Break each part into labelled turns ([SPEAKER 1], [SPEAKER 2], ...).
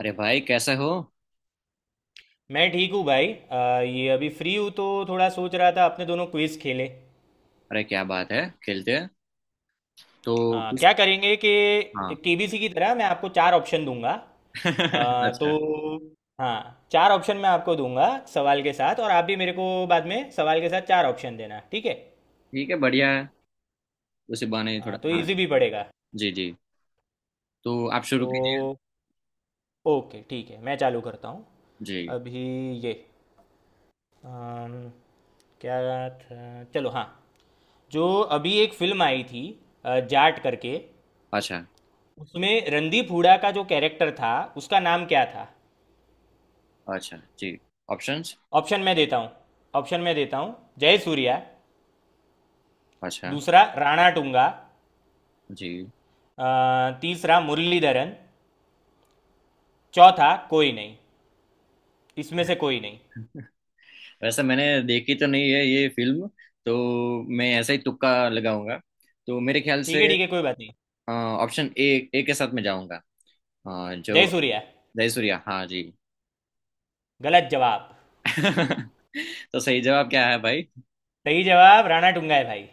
[SPEAKER 1] अरे भाई कैसे हो।
[SPEAKER 2] मैं ठीक हूँ भाई। ये अभी फ्री हूँ तो थोड़ा सोच रहा था अपने दोनों क्विज खेलें।
[SPEAKER 1] अरे क्या बात है, खेलते हैं। तो किस।
[SPEAKER 2] क्या करेंगे कि
[SPEAKER 1] हाँ।
[SPEAKER 2] केबीसी की तरह मैं आपको चार ऑप्शन दूंगा
[SPEAKER 1] अच्छा।
[SPEAKER 2] तो। हाँ। चार ऑप्शन मैं आपको दूंगा सवाल के साथ, और आप भी मेरे को बाद में सवाल के साथ चार ऑप्शन देना, ठीक है।
[SPEAKER 1] ठीक है, बढ़िया है। उसी बहाने ही
[SPEAKER 2] हाँ,
[SPEAKER 1] थोड़ा,
[SPEAKER 2] तो
[SPEAKER 1] हाँ।
[SPEAKER 2] इजी भी पड़ेगा।
[SPEAKER 1] जी जी। तो आप शुरू कीजिए।
[SPEAKER 2] तो ओके, ठीक है, मैं चालू करता हूँ
[SPEAKER 1] जी।
[SPEAKER 2] अभी ये अम, क्या था। चलो। हाँ, जो अभी एक फिल्म आई थी जाट करके,
[SPEAKER 1] अच्छा।
[SPEAKER 2] उसमें रणदीप हुडा का जो कैरेक्टर था उसका नाम क्या था।
[SPEAKER 1] अच्छा जी, ऑप्शंस।
[SPEAKER 2] ऑप्शन मैं देता हूँ। ऑप्शन मैं देता हूँ। जय सूर्या।
[SPEAKER 1] अच्छा
[SPEAKER 2] दूसरा राणा टुंगा।
[SPEAKER 1] जी।
[SPEAKER 2] अ, तीसरा मुरलीधरन। चौथा कोई नहीं। इसमें से कोई नहीं।
[SPEAKER 1] वैसे मैंने देखी तो नहीं है ये फिल्म। तो मैं ऐसा ही तुक्का लगाऊंगा। तो मेरे ख्याल से
[SPEAKER 2] ठीक है ठीक है, कोई बात नहीं।
[SPEAKER 1] Option A. ए के साथ में जाऊंगा।
[SPEAKER 2] जय
[SPEAKER 1] जो।
[SPEAKER 2] सूर्या।
[SPEAKER 1] जयसूर्या, हाँ जी।
[SPEAKER 2] गलत जवाब।
[SPEAKER 1] तो सही जवाब क्या है भाई?
[SPEAKER 2] सही जवाब राणा टुंगा है भाई।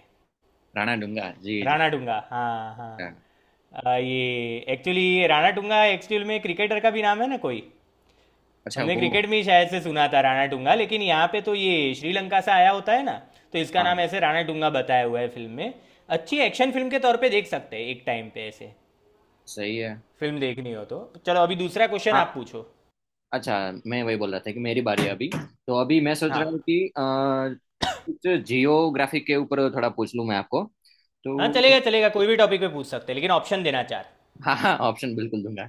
[SPEAKER 1] राणा डूंगा, जी जी।
[SPEAKER 2] राणा टुंगा, हाँ हाँ। ये एक्चुअली राणा टुंगा, एक्चुअल में क्रिकेटर का भी नाम है ना कोई।
[SPEAKER 1] अच्छा,
[SPEAKER 2] हमने
[SPEAKER 1] वो।
[SPEAKER 2] क्रिकेट में ही शायद से सुना था राणा टूंगा, लेकिन यहाँ पे तो ये श्रीलंका से आया होता है ना, तो इसका
[SPEAKER 1] हाँ
[SPEAKER 2] नाम
[SPEAKER 1] हाँ।
[SPEAKER 2] ऐसे राणा टूंगा बताया हुआ है फिल्म में। अच्छी एक्शन फिल्म के तौर पे देख सकते हैं एक टाइम पे ऐसे,
[SPEAKER 1] सही है।
[SPEAKER 2] फिल्म देखनी हो तो। चलो अभी दूसरा क्वेश्चन आप
[SPEAKER 1] हाँ।
[SPEAKER 2] पूछो।
[SPEAKER 1] अच्छा। मैं वही बोल रहा था कि मेरी बारी है अभी। तो अभी मैं सोच रहा हूँ
[SPEAKER 2] हाँ
[SPEAKER 1] कि कुछ जियोग्राफी के ऊपर थोड़ा पूछ लूँ मैं आपको।
[SPEAKER 2] हाँ,
[SPEAKER 1] तो।
[SPEAKER 2] चलेगा चलेगा, कोई भी टॉपिक पे पूछ सकते हैं, लेकिन ऑप्शन देना चार।
[SPEAKER 1] हाँ हाँ, ऑप्शन बिल्कुल दूंगा।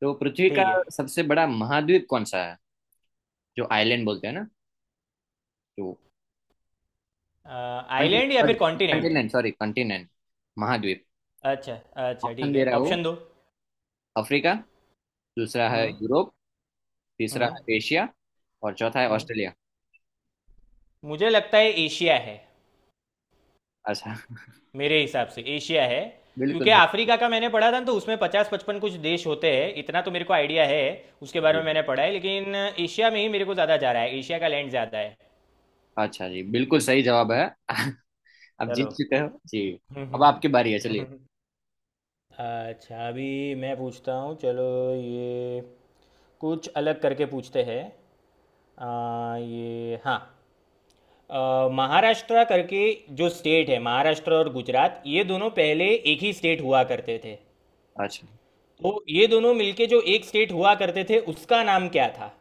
[SPEAKER 1] तो पृथ्वी का
[SPEAKER 2] ठीक है।
[SPEAKER 1] सबसे बड़ा महाद्वीप कौन सा है? जो आइलैंड बोलते हैं ना। तो।
[SPEAKER 2] आइलैंड या फिर कॉन्टिनेंट?
[SPEAKER 1] कंटिनेंट, सॉरी कंटिनेंट, महाद्वीप।
[SPEAKER 2] अच्छा। अच्छा
[SPEAKER 1] ऑप्शन
[SPEAKER 2] ठीक
[SPEAKER 1] दे
[SPEAKER 2] है,
[SPEAKER 1] रहा हूँ।
[SPEAKER 2] ऑप्शन दो।
[SPEAKER 1] अफ्रीका। दूसरा है
[SPEAKER 2] हम्म।
[SPEAKER 1] यूरोप। तीसरा
[SPEAKER 2] हम्म।
[SPEAKER 1] है एशिया। और चौथा है
[SPEAKER 2] हम्म।
[SPEAKER 1] ऑस्ट्रेलिया।
[SPEAKER 2] मुझे लगता है एशिया है।
[SPEAKER 1] अच्छा।
[SPEAKER 2] मेरे हिसाब से एशिया है, क्योंकि
[SPEAKER 1] बिल्कुल
[SPEAKER 2] अफ्रीका का मैंने पढ़ा था ना, तो उसमें 50 55 कुछ देश होते हैं, इतना तो मेरे को आइडिया है। उसके बारे में
[SPEAKER 1] बिल्कुल।
[SPEAKER 2] मैंने पढ़ा है, लेकिन एशिया में ही मेरे को ज़्यादा जा रहा है, एशिया का लैंड ज़्यादा है।
[SPEAKER 1] अच्छा जी, बिल्कुल सही जवाब है। आप जीत
[SPEAKER 2] चलो
[SPEAKER 1] चुके हो जी। अब आपकी बारी है, चलिए।
[SPEAKER 2] अच्छा अभी मैं पूछता हूँ। चलो ये कुछ अलग करके पूछते हैं। ये, हाँ, महाराष्ट्र करके, जो स्टेट है, महाराष्ट्र और गुजरात, ये दोनों पहले एक ही स्टेट हुआ करते थे।
[SPEAKER 1] अच्छा,
[SPEAKER 2] तो ये दोनों मिलके जो एक स्टेट हुआ करते थे उसका नाम क्या था।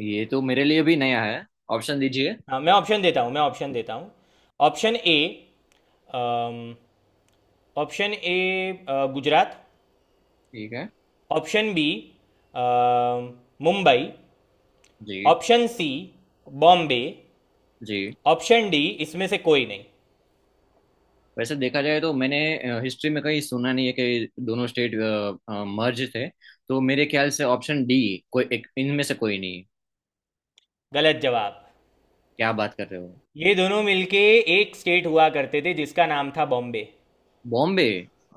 [SPEAKER 1] ये तो मेरे लिए भी नया है। ऑप्शन दीजिए।
[SPEAKER 2] हाँ, मैं ऑप्शन देता हूँ, मैं ऑप्शन देता हूँ। Option A, option A, Gujarat.
[SPEAKER 1] ठीक है।
[SPEAKER 2] Option B, Mumbai.
[SPEAKER 1] Ji.
[SPEAKER 2] Option C, Bombay.
[SPEAKER 1] Ji.
[SPEAKER 2] Option D, इसमें से कोई नहीं।
[SPEAKER 1] वैसे देखा जाए तो मैंने हिस्ट्री में कहीं सुना नहीं है कि दोनों स्टेट मर्ज थे। तो मेरे ख्याल से ऑप्शन डी, कोई एक इनमें से कोई नहीं है।
[SPEAKER 2] गलत जवाब।
[SPEAKER 1] क्या बात कर रहे हो?
[SPEAKER 2] ये दोनों मिलके एक स्टेट हुआ करते थे जिसका नाम था बॉम्बे।
[SPEAKER 1] बॉम्बे।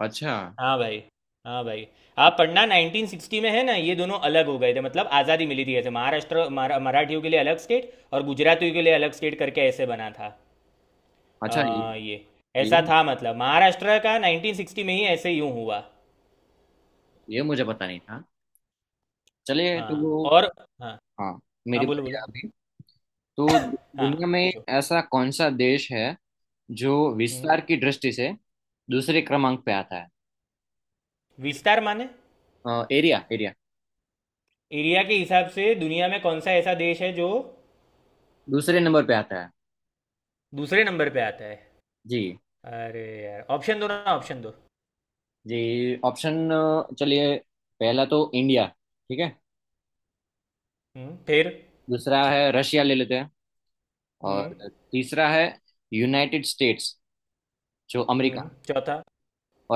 [SPEAKER 1] अच्छा।
[SPEAKER 2] हाँ भाई। हाँ भाई, आप पढ़ना, 1960 में है ना ये दोनों अलग हो गए थे, मतलब आज़ादी मिली थी ऐसे, महाराष्ट्र मराठियों के लिए अलग स्टेट और गुजरातियों के लिए अलग स्टेट करके ऐसे बना था।
[SPEAKER 1] अच्छा,
[SPEAKER 2] हाँ, ये ऐसा
[SPEAKER 1] ये
[SPEAKER 2] था, मतलब महाराष्ट्र का 1960 में ही ऐसे यूं हुआ।
[SPEAKER 1] ये मुझे पता नहीं था। चलिए तो।
[SPEAKER 2] हाँ और हाँ
[SPEAKER 1] हाँ।
[SPEAKER 2] हाँ,
[SPEAKER 1] मेरी
[SPEAKER 2] बोलो
[SPEAKER 1] बारी
[SPEAKER 2] बोलो।
[SPEAKER 1] है अभी। तो
[SPEAKER 2] हाँ,
[SPEAKER 1] दुनिया में
[SPEAKER 2] पूछो।
[SPEAKER 1] ऐसा कौन सा देश है जो
[SPEAKER 2] हम्म।
[SPEAKER 1] विस्तार की दृष्टि से दूसरे क्रमांक पे आता है?
[SPEAKER 2] विस्तार माने?
[SPEAKER 1] Area area.
[SPEAKER 2] एरिया के हिसाब से दुनिया में कौन सा ऐसा देश है जो
[SPEAKER 1] दूसरे नंबर पे आता है।
[SPEAKER 2] दूसरे नंबर पे आता है?
[SPEAKER 1] जी
[SPEAKER 2] अरे यार ऑप्शन दो ना, ऑप्शन दो।
[SPEAKER 1] जी। ऑप्शन चलिए। पहला तो इंडिया। ठीक है।
[SPEAKER 2] हम्म, फिर?
[SPEAKER 1] दूसरा है रशिया, ले लेते हैं। और
[SPEAKER 2] हम्म।
[SPEAKER 1] तीसरा है यूनाइटेड स्टेट्स, जो अमेरिका।
[SPEAKER 2] हम्म, चौथा?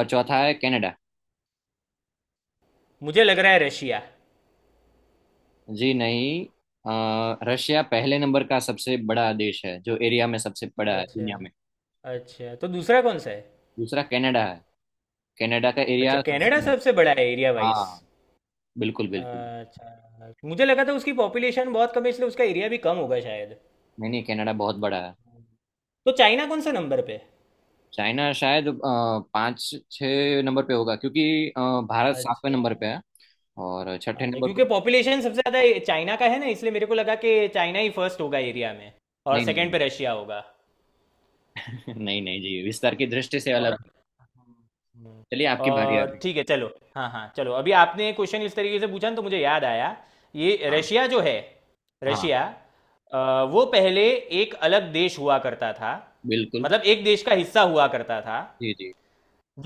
[SPEAKER 1] और चौथा है कनाडा।
[SPEAKER 2] मुझे लग रहा है रशिया।
[SPEAKER 1] जी नहीं। रशिया पहले नंबर का सबसे बड़ा देश है, जो एरिया में सबसे बड़ा है
[SPEAKER 2] अच्छा।
[SPEAKER 1] दुनिया में।
[SPEAKER 2] अच्छा, तो दूसरा कौन सा है?
[SPEAKER 1] दूसरा कनाडा है। कनाडा का
[SPEAKER 2] अच्छा,
[SPEAKER 1] एरिया
[SPEAKER 2] कनाडा
[SPEAKER 1] सबसे।
[SPEAKER 2] सबसे बड़ा है एरिया वाइज।
[SPEAKER 1] हाँ, बिल्कुल बिल्कुल।
[SPEAKER 2] अच्छा, मुझे लगा था उसकी पॉपुलेशन बहुत कम है, इसलिए उसका एरिया भी कम होगा शायद।
[SPEAKER 1] नहीं नहीं, कनाडा बहुत बड़ा है।
[SPEAKER 2] तो चाइना कौन सा नंबर पे है?
[SPEAKER 1] चाइना शायद पाँच छः नंबर पे होगा, क्योंकि भारत सातवें
[SPEAKER 2] अच्छा।
[SPEAKER 1] नंबर पे है। और छठे
[SPEAKER 2] अच्छा,
[SPEAKER 1] नंबर
[SPEAKER 2] क्योंकि
[SPEAKER 1] पर।
[SPEAKER 2] पॉपुलेशन सबसे ज़्यादा चाइना का है ना, इसलिए मेरे को लगा कि चाइना ही फर्स्ट होगा एरिया में, और
[SPEAKER 1] नहीं नहीं
[SPEAKER 2] सेकंड पे
[SPEAKER 1] नहीं।
[SPEAKER 2] रशिया होगा।
[SPEAKER 1] नहीं नहीं जी, विस्तार की दृष्टि से
[SPEAKER 2] और
[SPEAKER 1] अलग है।
[SPEAKER 2] हम्म,
[SPEAKER 1] चलिए आपकी बारी है
[SPEAKER 2] और
[SPEAKER 1] अभी।
[SPEAKER 2] ठीक है चलो। हाँ हाँ चलो, अभी आपने क्वेश्चन इस तरीके से पूछा ना, तो मुझे याद आया। ये
[SPEAKER 1] हाँ
[SPEAKER 2] रशिया जो है,
[SPEAKER 1] हाँ,
[SPEAKER 2] रशिया, वो पहले एक अलग देश हुआ करता था,
[SPEAKER 1] बिल्कुल।
[SPEAKER 2] मतलब एक देश का हिस्सा हुआ करता था
[SPEAKER 1] जी जी,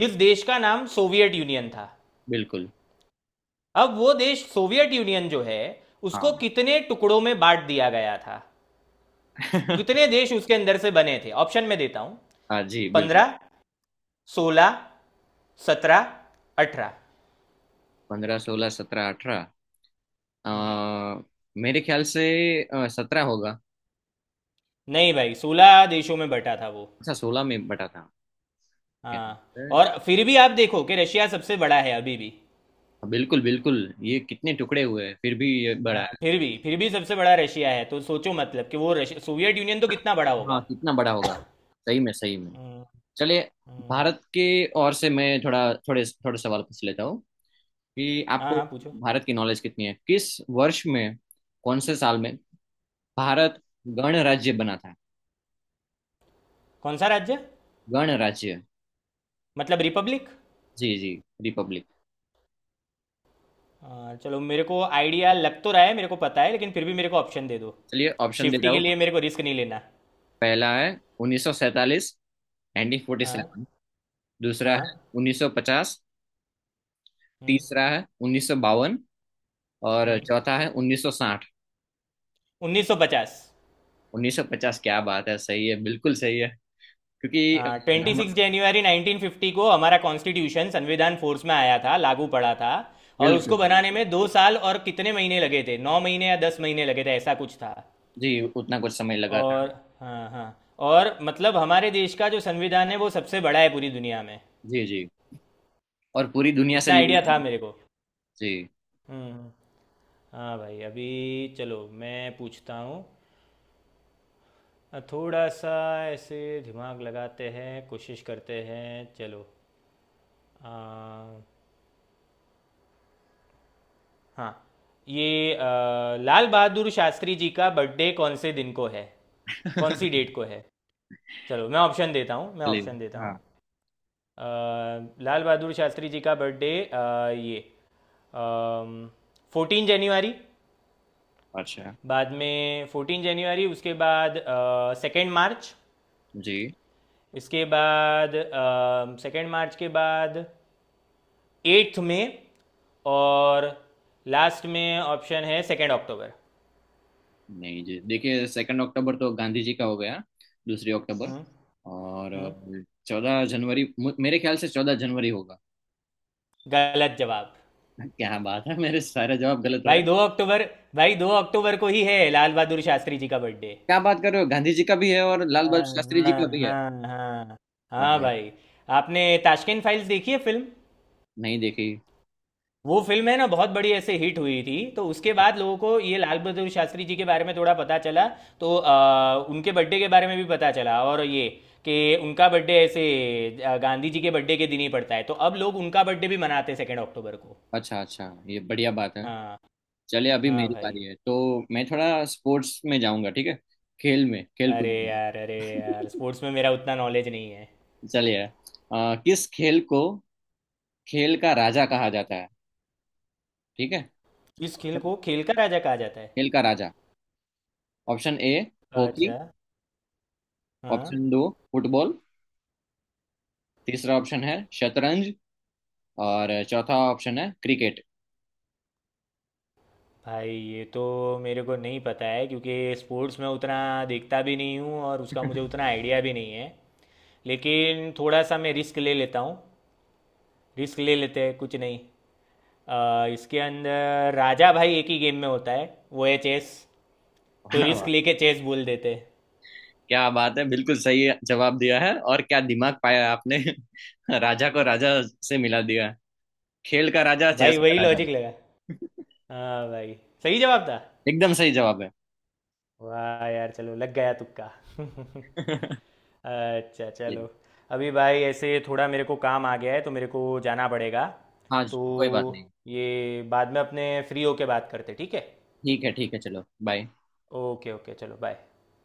[SPEAKER 2] जिस देश का नाम सोवियत यूनियन था।
[SPEAKER 1] बिल्कुल।
[SPEAKER 2] अब वो देश सोवियत यूनियन जो है उसको
[SPEAKER 1] हाँ।
[SPEAKER 2] कितने टुकड़ों में बांट दिया गया था, कितने देश उसके अंदर से बने थे? ऑप्शन में देता हूँ।
[SPEAKER 1] हाँ जी, बिल्कुल।
[SPEAKER 2] 15 16 17 18
[SPEAKER 1] 15, 16, 17, 18। मेरे ख्याल से 17 होगा।
[SPEAKER 2] नहीं भाई, 16 देशों में बटा था वो।
[SPEAKER 1] अच्छा, 16 में बटा था क्या?
[SPEAKER 2] हाँ, और फिर भी आप देखो कि रशिया सबसे बड़ा है अभी भी।
[SPEAKER 1] हाँ, बिल्कुल बिल्कुल। ये कितने टुकड़े हुए हैं फिर भी ये बड़ा
[SPEAKER 2] हाँ,
[SPEAKER 1] है।
[SPEAKER 2] फिर भी सबसे बड़ा रशिया है, तो सोचो मतलब कि वो रश सोवियत यूनियन तो कितना बड़ा
[SPEAKER 1] हाँ,
[SPEAKER 2] होगा।
[SPEAKER 1] कितना बड़ा होगा। सही में सही में।
[SPEAKER 2] हम्म,
[SPEAKER 1] चलिए।
[SPEAKER 2] हम्म।
[SPEAKER 1] भारत के ओर से मैं थोड़ा थोड़े थोड़े सवाल पूछ लेता हूँ कि
[SPEAKER 2] हाँ
[SPEAKER 1] आपको
[SPEAKER 2] हाँ, पूछो।
[SPEAKER 1] भारत की नॉलेज कितनी है। किस वर्ष में, कौन से साल में भारत गणराज्य बना था?
[SPEAKER 2] कौन सा राज्य?
[SPEAKER 1] गणराज्य।
[SPEAKER 2] मतलब रिपब्लिक?
[SPEAKER 1] जी जी, रिपब्लिक।
[SPEAKER 2] चलो, मेरे को आइडिया लग तो रहा है, मेरे को पता है, लेकिन फिर भी मेरे को ऑप्शन दे दो।
[SPEAKER 1] चलिए, ऑप्शन देता
[SPEAKER 2] सेफ्टी के लिए,
[SPEAKER 1] हूँ।
[SPEAKER 2] मेरे को रिस्क नहीं लेना।
[SPEAKER 1] पहला है 1947,
[SPEAKER 2] हाँ।
[SPEAKER 1] 1947। दूसरा है
[SPEAKER 2] हाँ।
[SPEAKER 1] 1950।
[SPEAKER 2] हम्म।
[SPEAKER 1] तीसरा है 1952। और
[SPEAKER 2] हम्म।
[SPEAKER 1] चौथा है 1960।
[SPEAKER 2] उन्नीस सौ पचास।
[SPEAKER 1] 1950, क्या बात है, सही है, बिल्कुल सही है। क्योंकि
[SPEAKER 2] ट्वेंटी सिक्स
[SPEAKER 1] हम-
[SPEAKER 2] जनवरी 1950 को हमारा कॉन्स्टिट्यूशन, संविधान फोर्स में आया था, लागू पड़ा था। और
[SPEAKER 1] बिल्कुल
[SPEAKER 2] उसको बनाने में
[SPEAKER 1] बिल्कुल।
[SPEAKER 2] 2 साल और कितने महीने लगे थे, 9 महीने या 10 महीने लगे थे, ऐसा कुछ था।
[SPEAKER 1] जी उतना कुछ समय लगा था।
[SPEAKER 2] और हाँ हाँ, और मतलब हमारे देश का जो संविधान है वो सबसे बड़ा है पूरी दुनिया में।
[SPEAKER 1] जी जी। और पूरी दुनिया से
[SPEAKER 2] इतना आइडिया
[SPEAKER 1] लिया।
[SPEAKER 2] था मेरे को।
[SPEAKER 1] जी।
[SPEAKER 2] हम्म हम्म। हाँ भाई, अभी चलो मैं पूछता हूँ। थोड़ा सा ऐसे दिमाग लगाते हैं, कोशिश करते हैं। चलो। आ, हाँ, ये, लाल बहादुर शास्त्री जी का बर्थडे कौन से दिन को है, कौन सी डेट को है? चलो, मैं ऑप्शन देता हूँ, मैं
[SPEAKER 1] भले।
[SPEAKER 2] ऑप्शन देता
[SPEAKER 1] हाँ।
[SPEAKER 2] हूँ। अ, लाल बहादुर शास्त्री जी का बर्थडे, ये, 14 जनवरी।
[SPEAKER 1] अच्छा
[SPEAKER 2] बाद में 14 जनवरी, उसके बाद 2 मार्च,
[SPEAKER 1] जी।
[SPEAKER 2] इसके बाद 2 मार्च के बाद एट्थ में, और लास्ट में ऑप्शन है 2 अक्टूबर।
[SPEAKER 1] नहीं जी, देखिए सेकंड अक्टूबर तो गांधी जी का हो गया। दूसरी अक्टूबर।
[SPEAKER 2] हम्म।
[SPEAKER 1] और
[SPEAKER 2] हम्म।
[SPEAKER 1] 14 जनवरी, मेरे ख्याल से 14 जनवरी होगा।
[SPEAKER 2] गलत जवाब।
[SPEAKER 1] क्या बात है, मेरे सारे जवाब गलत हो
[SPEAKER 2] भाई,
[SPEAKER 1] रहे।
[SPEAKER 2] 2 अक्टूबर, भाई दो अक्टूबर को ही है लाल बहादुर शास्त्री जी का बर्थडे।
[SPEAKER 1] क्या बात कर रहे हो, गांधी जी का भी है और लाल बहादुर
[SPEAKER 2] हाँ
[SPEAKER 1] शास्त्री जी
[SPEAKER 2] हाँ
[SPEAKER 1] का भी है?
[SPEAKER 2] हाँ, हाँ, हाँ
[SPEAKER 1] अरे।
[SPEAKER 2] भाई। आपने ताशकंद फाइल्स देखी है फिल्म?
[SPEAKER 1] नहीं देखी।
[SPEAKER 2] वो फिल्म है ना, बहुत बड़ी ऐसे हिट हुई थी, तो उसके बाद लोगों को ये लाल बहादुर शास्त्री जी के बारे में थोड़ा पता चला। तो उनके बर्थडे के बारे में भी पता चला, और ये कि उनका बर्थडे ऐसे गांधी जी के बर्थडे के दिन ही पड़ता है, तो अब लोग उनका बर्थडे भी मनाते हैं 2 अक्टूबर को।
[SPEAKER 1] अच्छा अच्छा, ये बढ़िया बात है।
[SPEAKER 2] हाँ।
[SPEAKER 1] चलिए अभी
[SPEAKER 2] हाँ
[SPEAKER 1] मेरी
[SPEAKER 2] भाई।
[SPEAKER 1] बारी है तो मैं थोड़ा स्पोर्ट्स में जाऊंगा, ठीक है। खेल में, खेल
[SPEAKER 2] अरे
[SPEAKER 1] कूद में।
[SPEAKER 2] यार अरे यार, स्पोर्ट्स में मेरा उतना नॉलेज नहीं है।
[SPEAKER 1] चलिए, किस खेल को खेल का राजा कहा जाता है? ठीक है।
[SPEAKER 2] इस खेल
[SPEAKER 1] ऑप्शन।
[SPEAKER 2] को खेल का राजा कहा जाता है?
[SPEAKER 1] खेल का राजा। Option A. हॉकी।
[SPEAKER 2] अच्छा। हाँ।
[SPEAKER 1] ऑप्शन दो। फुटबॉल। तीसरा ऑप्शन है शतरंज। और चौथा ऑप्शन है क्रिकेट।
[SPEAKER 2] भाई ये तो मेरे को नहीं पता है, क्योंकि स्पोर्ट्स में उतना देखता भी नहीं हूँ, और उसका मुझे उतना आइडिया भी नहीं है। लेकिन थोड़ा सा मैं रिस्क ले लेता हूँ। रिस्क ले लेते हैं, कुछ नहीं। इसके अंदर राजा भाई एक ही गेम में होता है, वो है चेस।
[SPEAKER 1] वाह
[SPEAKER 2] तो रिस्क
[SPEAKER 1] वाह।
[SPEAKER 2] लेके चेस बोल देते हैं।
[SPEAKER 1] क्या बात है, बिल्कुल सही जवाब दिया है, और क्या दिमाग पाया है आपने। राजा को राजा से मिला दिया है। खेल का राजा,
[SPEAKER 2] भाई,
[SPEAKER 1] चेस का
[SPEAKER 2] वही
[SPEAKER 1] राजा।
[SPEAKER 2] लॉजिक लगा। हाँ भाई। सही जवाब था।
[SPEAKER 1] एकदम सही जवाब है।
[SPEAKER 2] वाह यार, चलो लग गया तुक्का अच्छा
[SPEAKER 1] जी।
[SPEAKER 2] चलो। अभी भाई ऐसे थोड़ा मेरे को काम आ गया है, तो मेरे को जाना पड़ेगा।
[SPEAKER 1] हाँ जी,
[SPEAKER 2] तो
[SPEAKER 1] कोई बात नहीं।
[SPEAKER 2] ये बाद में अपने फ्री होके बात करते, ठीक है।
[SPEAKER 1] ठीक है, ठीक है, चलो। बाय।
[SPEAKER 2] ओके ओके, चलो बाय।